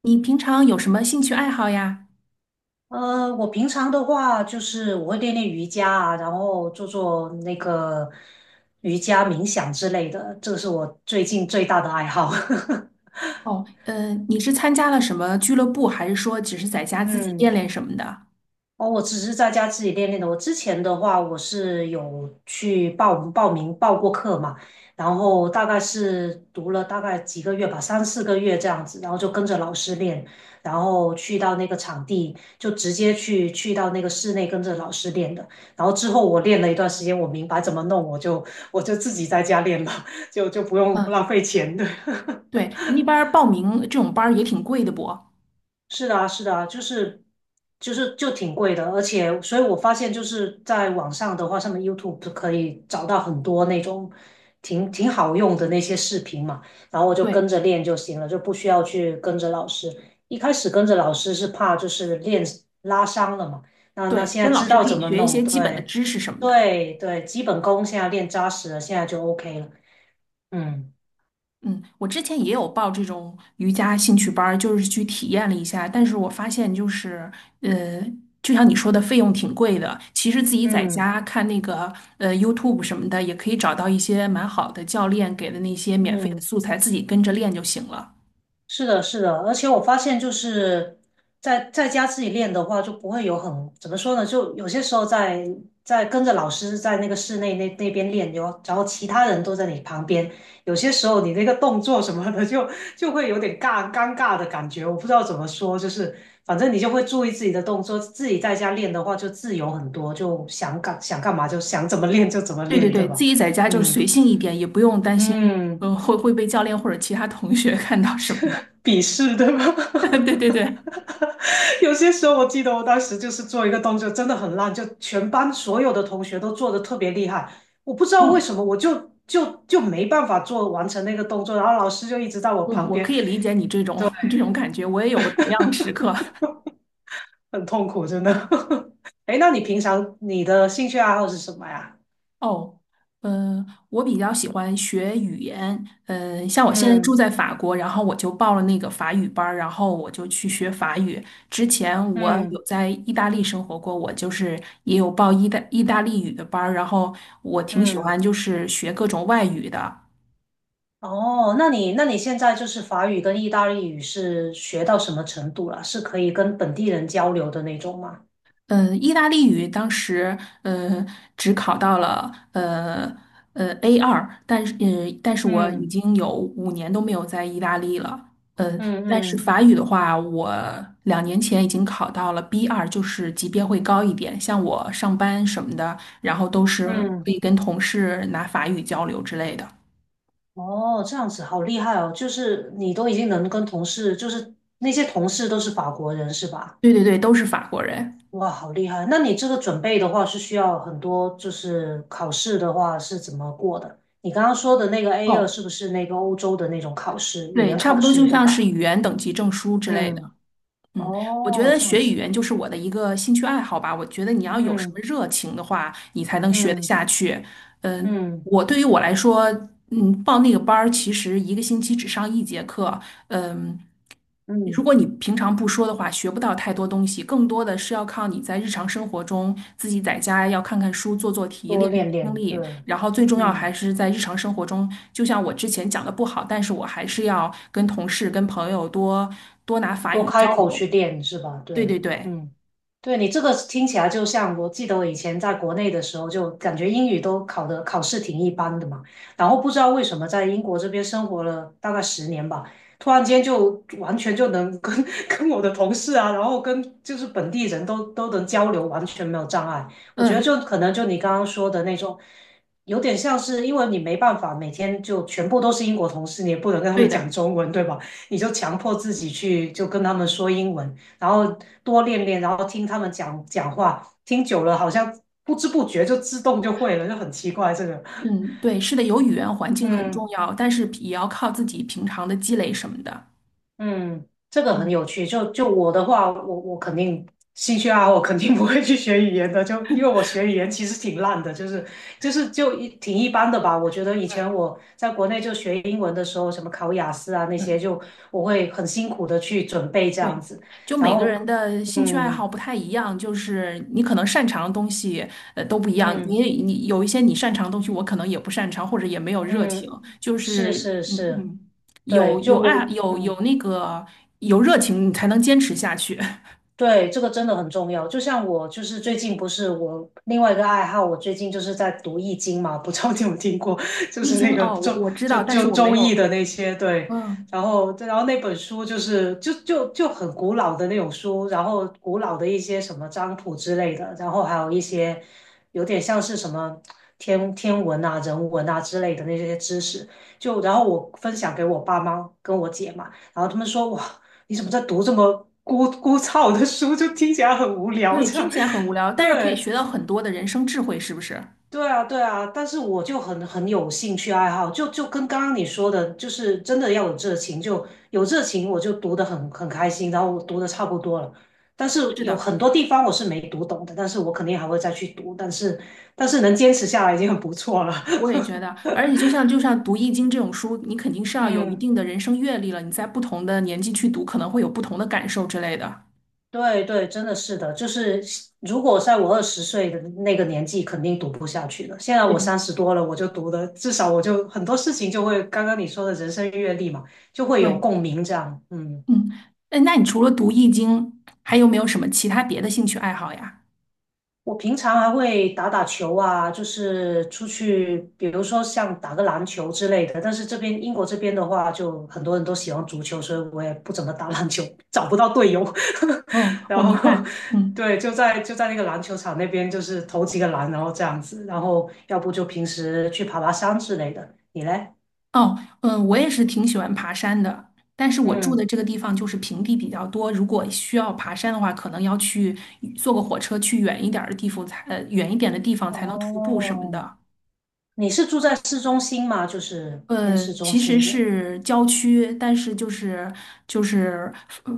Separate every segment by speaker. Speaker 1: 你平常有什么兴趣爱好呀？
Speaker 2: 我平常的话就是我会练练瑜伽啊，然后做做那个瑜伽冥想之类的，这个是我最近最大的爱好。
Speaker 1: 哦，你是参加了什么俱乐部，还是说只是在家自己
Speaker 2: 嗯。
Speaker 1: 练练什么的？
Speaker 2: 哦，我只是在家自己练练的。我之前的话，我是有去报过课嘛，然后大概是读了大概几个月吧，3、4个月这样子，然后就跟着老师练，然后去到那个场地，就直接去到那个室内跟着老师练的。然后之后我练了一段时间，我明白怎么弄，我就自己在家练了，就不用浪
Speaker 1: 嗯，
Speaker 2: 费钱的。
Speaker 1: 对，那边儿报名这种班儿也挺贵的不？
Speaker 2: 是的啊，是的啊，就是就挺贵的，而且，所以我发现就是在网上的话，上面 YouTube 可以找到很多那种挺好用的那些视频嘛，然后我就跟
Speaker 1: 对
Speaker 2: 着练就行了，就不需要去跟着老师。一开始跟着老师是怕就是练拉伤了嘛，那
Speaker 1: 对，
Speaker 2: 现在
Speaker 1: 跟老
Speaker 2: 知
Speaker 1: 师
Speaker 2: 道
Speaker 1: 可
Speaker 2: 怎
Speaker 1: 以
Speaker 2: 么
Speaker 1: 学一
Speaker 2: 弄，
Speaker 1: 些基本的
Speaker 2: 对
Speaker 1: 知识什么的。
Speaker 2: 对对，基本功现在练扎实了，现在就 OK 了。嗯
Speaker 1: 嗯，我之前也有报这种瑜伽兴趣班儿，就是去体验了一下，但是我发现就是，呃，就像你说的，费用挺贵的。其实自己在
Speaker 2: 嗯
Speaker 1: 家看那个YouTube 什么的，也可以找到一些蛮好的教练给的那些免费的
Speaker 2: 嗯。
Speaker 1: 素材，自己跟着练就行了。
Speaker 2: 是的，是的，而且我发现就是在家自己练的话，就不会有很怎么说呢，就有些时候在跟着老师在那个室内那边练，哟，然后其他人都在你旁边，有些时候你那个动作什么的就会有点尴尬的感觉，我不知道怎么说，就是反正你就会注意自己的动作，自己在家练的话就自由很多，就想干想干嘛就想怎么练就怎么
Speaker 1: 对对
Speaker 2: 练，对
Speaker 1: 对，
Speaker 2: 吧？
Speaker 1: 自己在家就是
Speaker 2: 嗯
Speaker 1: 随性一点，也不用担心，
Speaker 2: 嗯，
Speaker 1: 呃，会被教练或者其他同学 看到什么吧。
Speaker 2: 鄙视对吧？
Speaker 1: 对 对对，
Speaker 2: 有些时候我记得我当时就是做一个动作真的很烂，就全班所有的同学都做的特别厉害，我不知道为
Speaker 1: 嗯
Speaker 2: 什么，我就没办法完成那个动作，然后老师就一直在我
Speaker 1: 嗯，
Speaker 2: 旁
Speaker 1: 我可
Speaker 2: 边，
Speaker 1: 以理解你这种 这种感觉，我也有过同样的时刻。
Speaker 2: 很痛苦，真的。哎，那你平常你的兴趣爱好是什么呀？
Speaker 1: 哦，嗯、我比较喜欢学语言，嗯、像我现在住
Speaker 2: 嗯
Speaker 1: 在法国，然后我就报了那个法语班儿然后我就去学法语。之前我
Speaker 2: 嗯
Speaker 1: 有在意大利生活过，我就是也有报意大利语的班儿然后我挺喜
Speaker 2: 嗯，
Speaker 1: 欢就是学各种外语的，
Speaker 2: 哦，那你现在就是法语跟意大利语是学到什么程度了？是可以跟本地人交流的那种吗？
Speaker 1: 意大利语当时呃只考到了a 二，但是但是我已
Speaker 2: 嗯
Speaker 1: 经有5年都没有在意大利了。
Speaker 2: 嗯
Speaker 1: 但是
Speaker 2: 嗯。
Speaker 1: 法语的话，我2年前已经考到了 b 二，就是级别会高一点。像我上班什么的，然后都是可
Speaker 2: 嗯，
Speaker 1: 以跟同事拿法语交流之类的。
Speaker 2: 哦，这样子好厉害哦！就是你都已经能跟同事，就是那些同事都是法国人是吧？
Speaker 1: 对对对，都是法国人。
Speaker 2: 哇，好厉害！那你这个准备的话是需要很多，就是考试的话是怎么过的？你刚刚说的那个 A2
Speaker 1: 哦，
Speaker 2: 是不是那个欧洲的那种考试，语
Speaker 1: 对，
Speaker 2: 言
Speaker 1: 差
Speaker 2: 考
Speaker 1: 不多
Speaker 2: 试，
Speaker 1: 就
Speaker 2: 对
Speaker 1: 像是
Speaker 2: 吧？
Speaker 1: 语言等级证书之类的。
Speaker 2: 嗯，
Speaker 1: 嗯，我觉
Speaker 2: 哦，
Speaker 1: 得
Speaker 2: 这样
Speaker 1: 学语
Speaker 2: 子，
Speaker 1: 言就是我的一个兴趣爱好吧。我觉得你要有什么热情的话，你才能学得
Speaker 2: 嗯
Speaker 1: 下去。
Speaker 2: 嗯
Speaker 1: 嗯，
Speaker 2: 嗯
Speaker 1: 我对于我来说，嗯，报那个班儿其实一个星期只上一节课。嗯，
Speaker 2: 嗯
Speaker 1: 如
Speaker 2: 嗯，
Speaker 1: 果你平常不说的话，学不到太多东西，更多的是要靠你在日常生活中自己在家要看看书、做做题、
Speaker 2: 多
Speaker 1: 练练
Speaker 2: 练
Speaker 1: 听
Speaker 2: 练，对，
Speaker 1: 力，然后最重要还
Speaker 2: 嗯。
Speaker 1: 是在日常生活中，就像我之前讲的不好，但是我还是要跟同事、跟朋友多多拿法
Speaker 2: 多
Speaker 1: 语交
Speaker 2: 开口
Speaker 1: 流。
Speaker 2: 去练是吧？对，
Speaker 1: 对对对，
Speaker 2: 嗯，对你这个听起来就像，我记得我以前在国内的时候，就感觉英语都考的考试挺一般的嘛，然后不知道为什么在英国这边生活了大概10年吧，突然间就完全就能跟 跟我的同事啊，然后跟就是本地人都能交流，完全没有障碍。我觉得
Speaker 1: 嗯，
Speaker 2: 就可能就你刚刚说的那种，有点像是因为你没办法每天就全部都是英国同事，你也不能跟他们
Speaker 1: 对
Speaker 2: 讲
Speaker 1: 的，
Speaker 2: 中文，对吧？你就强迫自己去就跟他们说英文，然后多练练，然后听他们讲讲话，听久了好像不知不觉就自动就会了，就很奇怪这个。
Speaker 1: 嗯，对，是的，有语言环境很重
Speaker 2: 嗯
Speaker 1: 要，但是也要靠自己平常的积累什么的。
Speaker 2: 嗯，这个很有
Speaker 1: 嗯
Speaker 2: 趣。就我的话，我肯定兴趣爱好，我肯定不会去学语言的。就因为我学语言其实挺烂的，就是就一挺一般的吧。我觉得以
Speaker 1: 嗯
Speaker 2: 前我在国内就学英文的时候，什么考雅思啊那
Speaker 1: 嗯，
Speaker 2: 些，就我会很辛苦的去准备这样
Speaker 1: 对，
Speaker 2: 子。
Speaker 1: 就
Speaker 2: 然
Speaker 1: 每个
Speaker 2: 后，
Speaker 1: 人的兴趣爱
Speaker 2: 嗯，
Speaker 1: 好不太一样，就是你可能擅长的东西都不一样，
Speaker 2: 嗯
Speaker 1: 你有一些你擅长的东西，我可能也不擅长，或者也没有热情，
Speaker 2: 嗯，
Speaker 1: 就
Speaker 2: 是
Speaker 1: 是
Speaker 2: 是
Speaker 1: 嗯
Speaker 2: 是，
Speaker 1: 嗯，
Speaker 2: 对，
Speaker 1: 有有
Speaker 2: 就
Speaker 1: 爱
Speaker 2: 我
Speaker 1: 有有
Speaker 2: 嗯。
Speaker 1: 那个有热情，你才能坚持下去。
Speaker 2: 对，这个真的很重要。就像我，就是最近不是我另外一个爱好，我最近就是在读《易经》嘛，不知道你有听过，就
Speaker 1: 你已
Speaker 2: 是
Speaker 1: 经
Speaker 2: 那个
Speaker 1: 哦，我
Speaker 2: 周
Speaker 1: 我知道，但是我没
Speaker 2: 周易
Speaker 1: 有，
Speaker 2: 的那些，对。
Speaker 1: 嗯。
Speaker 2: 然后那本书就是就就就很古老的那种书，然后古老的一些什么占卜之类的，然后还有一些有点像是什么天文啊、人文啊之类的那些知识，就然后我分享给我爸妈跟我姐嘛。然后他们说哇，你怎么在读这么枯燥的书？就听起来很无聊
Speaker 1: 对，
Speaker 2: 这
Speaker 1: 听
Speaker 2: 样。
Speaker 1: 起来很无聊，但是可以
Speaker 2: 对，
Speaker 1: 学到很多的人生智慧，是不是？
Speaker 2: 对啊，对啊。但是我就很有兴趣爱好，就就跟刚刚你说的，就是真的要有热情，就有热情，我就读得很开心，然后我读得差不多了。但是
Speaker 1: 是
Speaker 2: 有
Speaker 1: 的，
Speaker 2: 很多地方我是没读懂的，但是我肯定还会再去读。但是能坚持下来已经很不错了。
Speaker 1: 我也觉得。而且就像读易经这种书，你肯定是 要有一
Speaker 2: 嗯。
Speaker 1: 定的人生阅历了，你在不同的年纪去读，可能会有不同的感受之类的。
Speaker 2: 对对，真的是的，就是如果在我20岁的那个年纪，肯定读不下去了。现在
Speaker 1: 对
Speaker 2: 我
Speaker 1: 的，
Speaker 2: 30多了，我就读的，至少我就很多事情就会，刚刚你说的人生阅历嘛，就会有
Speaker 1: 对，
Speaker 2: 共鸣这样。嗯。
Speaker 1: 嗯，哎，那你除了读易经，还有没有什么其他别的兴趣爱好呀？
Speaker 2: 我平常还会打打球啊，就是出去，比如说像打个篮球之类的。但是这边英国这边的话，就很多人都喜欢足球，所以我也不怎么打篮球，找不到队友。
Speaker 1: 嗯，我
Speaker 2: 然
Speaker 1: 明
Speaker 2: 后，
Speaker 1: 白。嗯。
Speaker 2: 对，就在就在那个篮球场那边，就是投几个篮，然后这样子。然后，要不就平时去爬爬山之类的。你嘞？
Speaker 1: 哦，嗯，我也是挺喜欢爬山的，但是我住的
Speaker 2: 嗯，
Speaker 1: 这个地方就是平地比较多，如果需要爬山的话，可能要去坐个火车去远一点儿的地方才，远一点的地方才能徒步什么
Speaker 2: 哦，
Speaker 1: 的。
Speaker 2: 你是住在市中心吗？就是偏
Speaker 1: 呃，
Speaker 2: 市中
Speaker 1: 其实
Speaker 2: 心一点。
Speaker 1: 是郊区，但是就是就是呃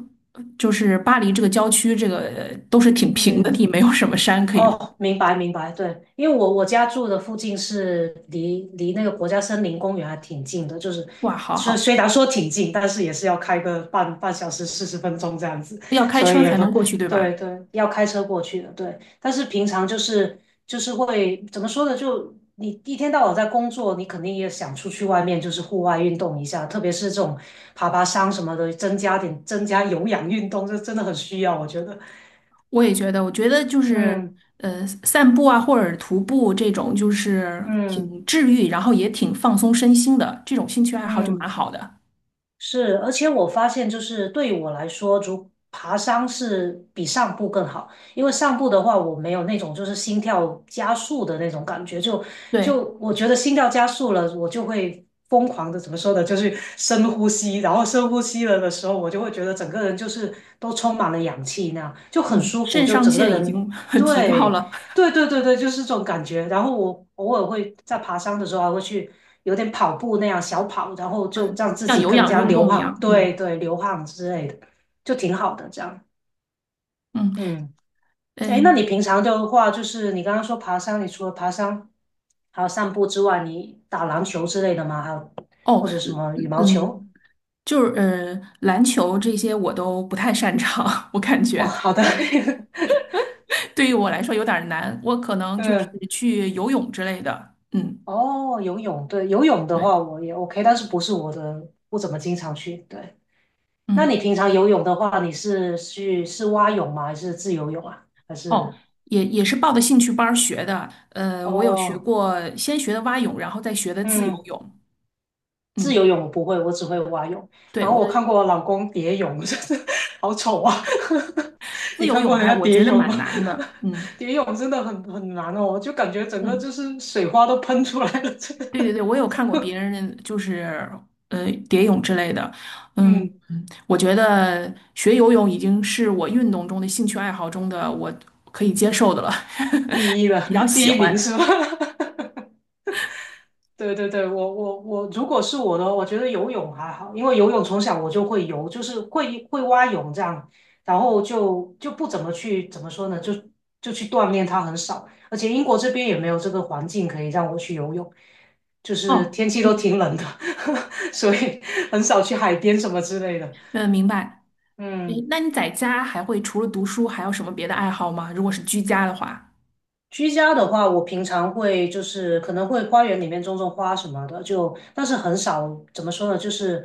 Speaker 1: 就是巴黎这个郊区，这个都是挺平的
Speaker 2: 嗯。
Speaker 1: 地，没有什么山可以。
Speaker 2: 哦，明白明白，对，因为我我家住的附近是离那个国家森林公园还挺近的，就是
Speaker 1: 哇，好
Speaker 2: 虽虽
Speaker 1: 好，
Speaker 2: 然说挺近，但是也是要开个半小时40分钟这样子，
Speaker 1: 要开
Speaker 2: 所以
Speaker 1: 车
Speaker 2: 也
Speaker 1: 才
Speaker 2: 不。
Speaker 1: 能过去，对
Speaker 2: 对
Speaker 1: 吧？
Speaker 2: 对，要开车过去的，对。但是平常就是就是会怎么说呢？就你一天到晚在工作，你肯定也想出去外面就是户外运动一下，特别是这种爬爬山什么的，增加有氧运动，这真的很需要，我觉得。
Speaker 1: 我也觉得，我觉得就是
Speaker 2: 嗯
Speaker 1: 散步啊，或者徒步这种，就是
Speaker 2: 嗯。
Speaker 1: 挺治愈，然后也挺放松身心的，这种兴趣爱好就蛮
Speaker 2: 嗯，
Speaker 1: 好的。
Speaker 2: 是，而且我发现，就是对我来说，如爬山是比上步更好，因为上步的话，我没有那种就是心跳加速的那种感觉，就
Speaker 1: 对，
Speaker 2: 就我觉得心跳加速了，我就会疯狂的怎么说呢，就是深呼吸，然后深呼吸了的时候，我就会觉得整个人就是都充满了氧气那样，就很
Speaker 1: 嗯，
Speaker 2: 舒服，
Speaker 1: 肾
Speaker 2: 就
Speaker 1: 上
Speaker 2: 整个
Speaker 1: 腺已
Speaker 2: 人
Speaker 1: 经 提高
Speaker 2: 对。
Speaker 1: 了，
Speaker 2: 对对对对，就是这种感觉。然后我偶尔会在爬山的时候还会去有点跑步那样小跑，然后就
Speaker 1: 嗯，
Speaker 2: 让自
Speaker 1: 像
Speaker 2: 己
Speaker 1: 有
Speaker 2: 更
Speaker 1: 氧
Speaker 2: 加
Speaker 1: 运
Speaker 2: 流
Speaker 1: 动一
Speaker 2: 汗，
Speaker 1: 样，嗯
Speaker 2: 对对，流汗之类的，就挺好的这样。
Speaker 1: 嗯
Speaker 2: 嗯，哎，那
Speaker 1: 嗯，
Speaker 2: 你平常的话，就是你刚刚说爬山，你除了爬山还有散步之外，你打篮球之类的吗？还有
Speaker 1: 哦，
Speaker 2: 或者什么羽毛球？
Speaker 1: 嗯，篮球这些我都不太擅长，我感
Speaker 2: 哦，
Speaker 1: 觉
Speaker 2: 好的，
Speaker 1: 我 对于我来说有点儿难，我可能就
Speaker 2: 嗯，
Speaker 1: 是去游泳之类的，嗯，
Speaker 2: 哦，游泳，对，游泳的
Speaker 1: 对，
Speaker 2: 话我也 OK,但是不是我的，不怎么经常去，对。那你
Speaker 1: 嗯。
Speaker 2: 平常游泳的话，你是去是蛙泳吗？还是自由泳啊？还
Speaker 1: 哦，
Speaker 2: 是
Speaker 1: 也也是报的兴趣班儿学的。我有学
Speaker 2: 哦，
Speaker 1: 过，先学的蛙泳，然后再学的自由
Speaker 2: 嗯，
Speaker 1: 泳。
Speaker 2: 自
Speaker 1: 嗯，
Speaker 2: 由泳我不会，我只会蛙泳。
Speaker 1: 对，
Speaker 2: 然后
Speaker 1: 我
Speaker 2: 我看过我老公蝶泳，真是好丑啊！
Speaker 1: 自
Speaker 2: 你
Speaker 1: 由
Speaker 2: 看
Speaker 1: 泳
Speaker 2: 过人
Speaker 1: 还
Speaker 2: 家
Speaker 1: 我
Speaker 2: 蝶
Speaker 1: 觉得
Speaker 2: 泳
Speaker 1: 蛮
Speaker 2: 吗？
Speaker 1: 难的。嗯
Speaker 2: 蝶泳真的很难哦，就感觉整个
Speaker 1: 嗯，
Speaker 2: 就是水花都喷出来了。真
Speaker 1: 对对
Speaker 2: 的
Speaker 1: 对，我有看过别人就是蝶泳之类的。嗯
Speaker 2: 嗯，
Speaker 1: 嗯，我觉得学游泳已经是我运动中的兴趣爱好中的我可以接受的了，
Speaker 2: 第一
Speaker 1: 比
Speaker 2: 了，
Speaker 1: 较
Speaker 2: 第
Speaker 1: 喜
Speaker 2: 一名是吧？
Speaker 1: 欢。
Speaker 2: 对对对，我，如果是我的话，我觉得游泳还好，因为游泳从小我就会游，就是会蛙泳这样，然后就不怎么去怎么说呢，就去锻炼它很少，而且英国这边也没有这个环境可以让我去游泳，就是
Speaker 1: 哦，
Speaker 2: 天气都
Speaker 1: 嗯，
Speaker 2: 挺冷的，所以很少去海边什么之类的。
Speaker 1: 明白。
Speaker 2: 嗯。
Speaker 1: 诶那你在家还会除了读书还有什么别的爱好吗？如果是居家的话。
Speaker 2: 居家的话，我平常会就是可能会花园里面种种花什么的，就但是很少，怎么说呢，就是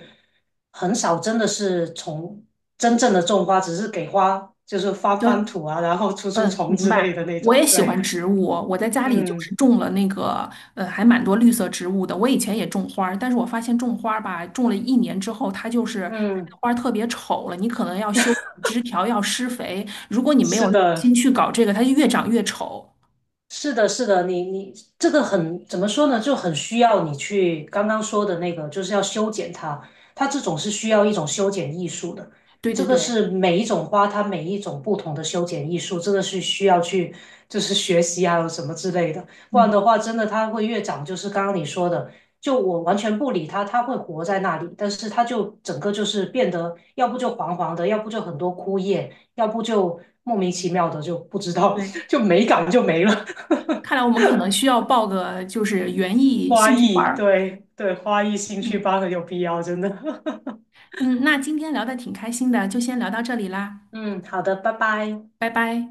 Speaker 2: 很少真的是从真正的种花，只是给花就是翻
Speaker 1: 就
Speaker 2: 翻土啊，然后 除除
Speaker 1: 嗯，
Speaker 2: 虫
Speaker 1: 明
Speaker 2: 之类
Speaker 1: 白。
Speaker 2: 的那
Speaker 1: 我也
Speaker 2: 种。
Speaker 1: 喜欢
Speaker 2: 对，
Speaker 1: 植物，我在家里就
Speaker 2: 嗯
Speaker 1: 是种了那个还蛮多绿色植物的。我以前也种花儿，但是我发现种花儿吧，种了一年之后，它就是开的
Speaker 2: 嗯，
Speaker 1: 花儿特别丑了。你可能要修枝条，要施肥。如果你没
Speaker 2: 是
Speaker 1: 有耐心
Speaker 2: 的。
Speaker 1: 去搞这个，它就越长越丑。
Speaker 2: 是的，是的，你你这个很怎么说呢？就很需要你去刚刚说的那个，就是要修剪它。它这种是需要一种修剪艺术的，
Speaker 1: 对
Speaker 2: 这
Speaker 1: 对
Speaker 2: 个
Speaker 1: 对，
Speaker 2: 是每一种花它每一种不同的修剪艺术，这个是需要去就是学习啊什么之类的。不然
Speaker 1: 嗯，
Speaker 2: 的话，真的它会越长，就是刚刚你说的，就我完全不理它，它会活在那里，但是它就整个就是变得，要不就黄黄的，要不就很多枯叶，要不就莫名其妙的就不知道，
Speaker 1: 对。
Speaker 2: 就美感就没了。
Speaker 1: 看来我们可能需要报个就是园艺
Speaker 2: 花
Speaker 1: 兴趣班
Speaker 2: 艺，
Speaker 1: 儿。
Speaker 2: 对对，花艺兴趣
Speaker 1: 嗯
Speaker 2: 班很有必要，真的。
Speaker 1: 嗯，那今天聊的挺开心的，就先聊到这里啦，
Speaker 2: 嗯，好的，拜拜。
Speaker 1: 拜拜。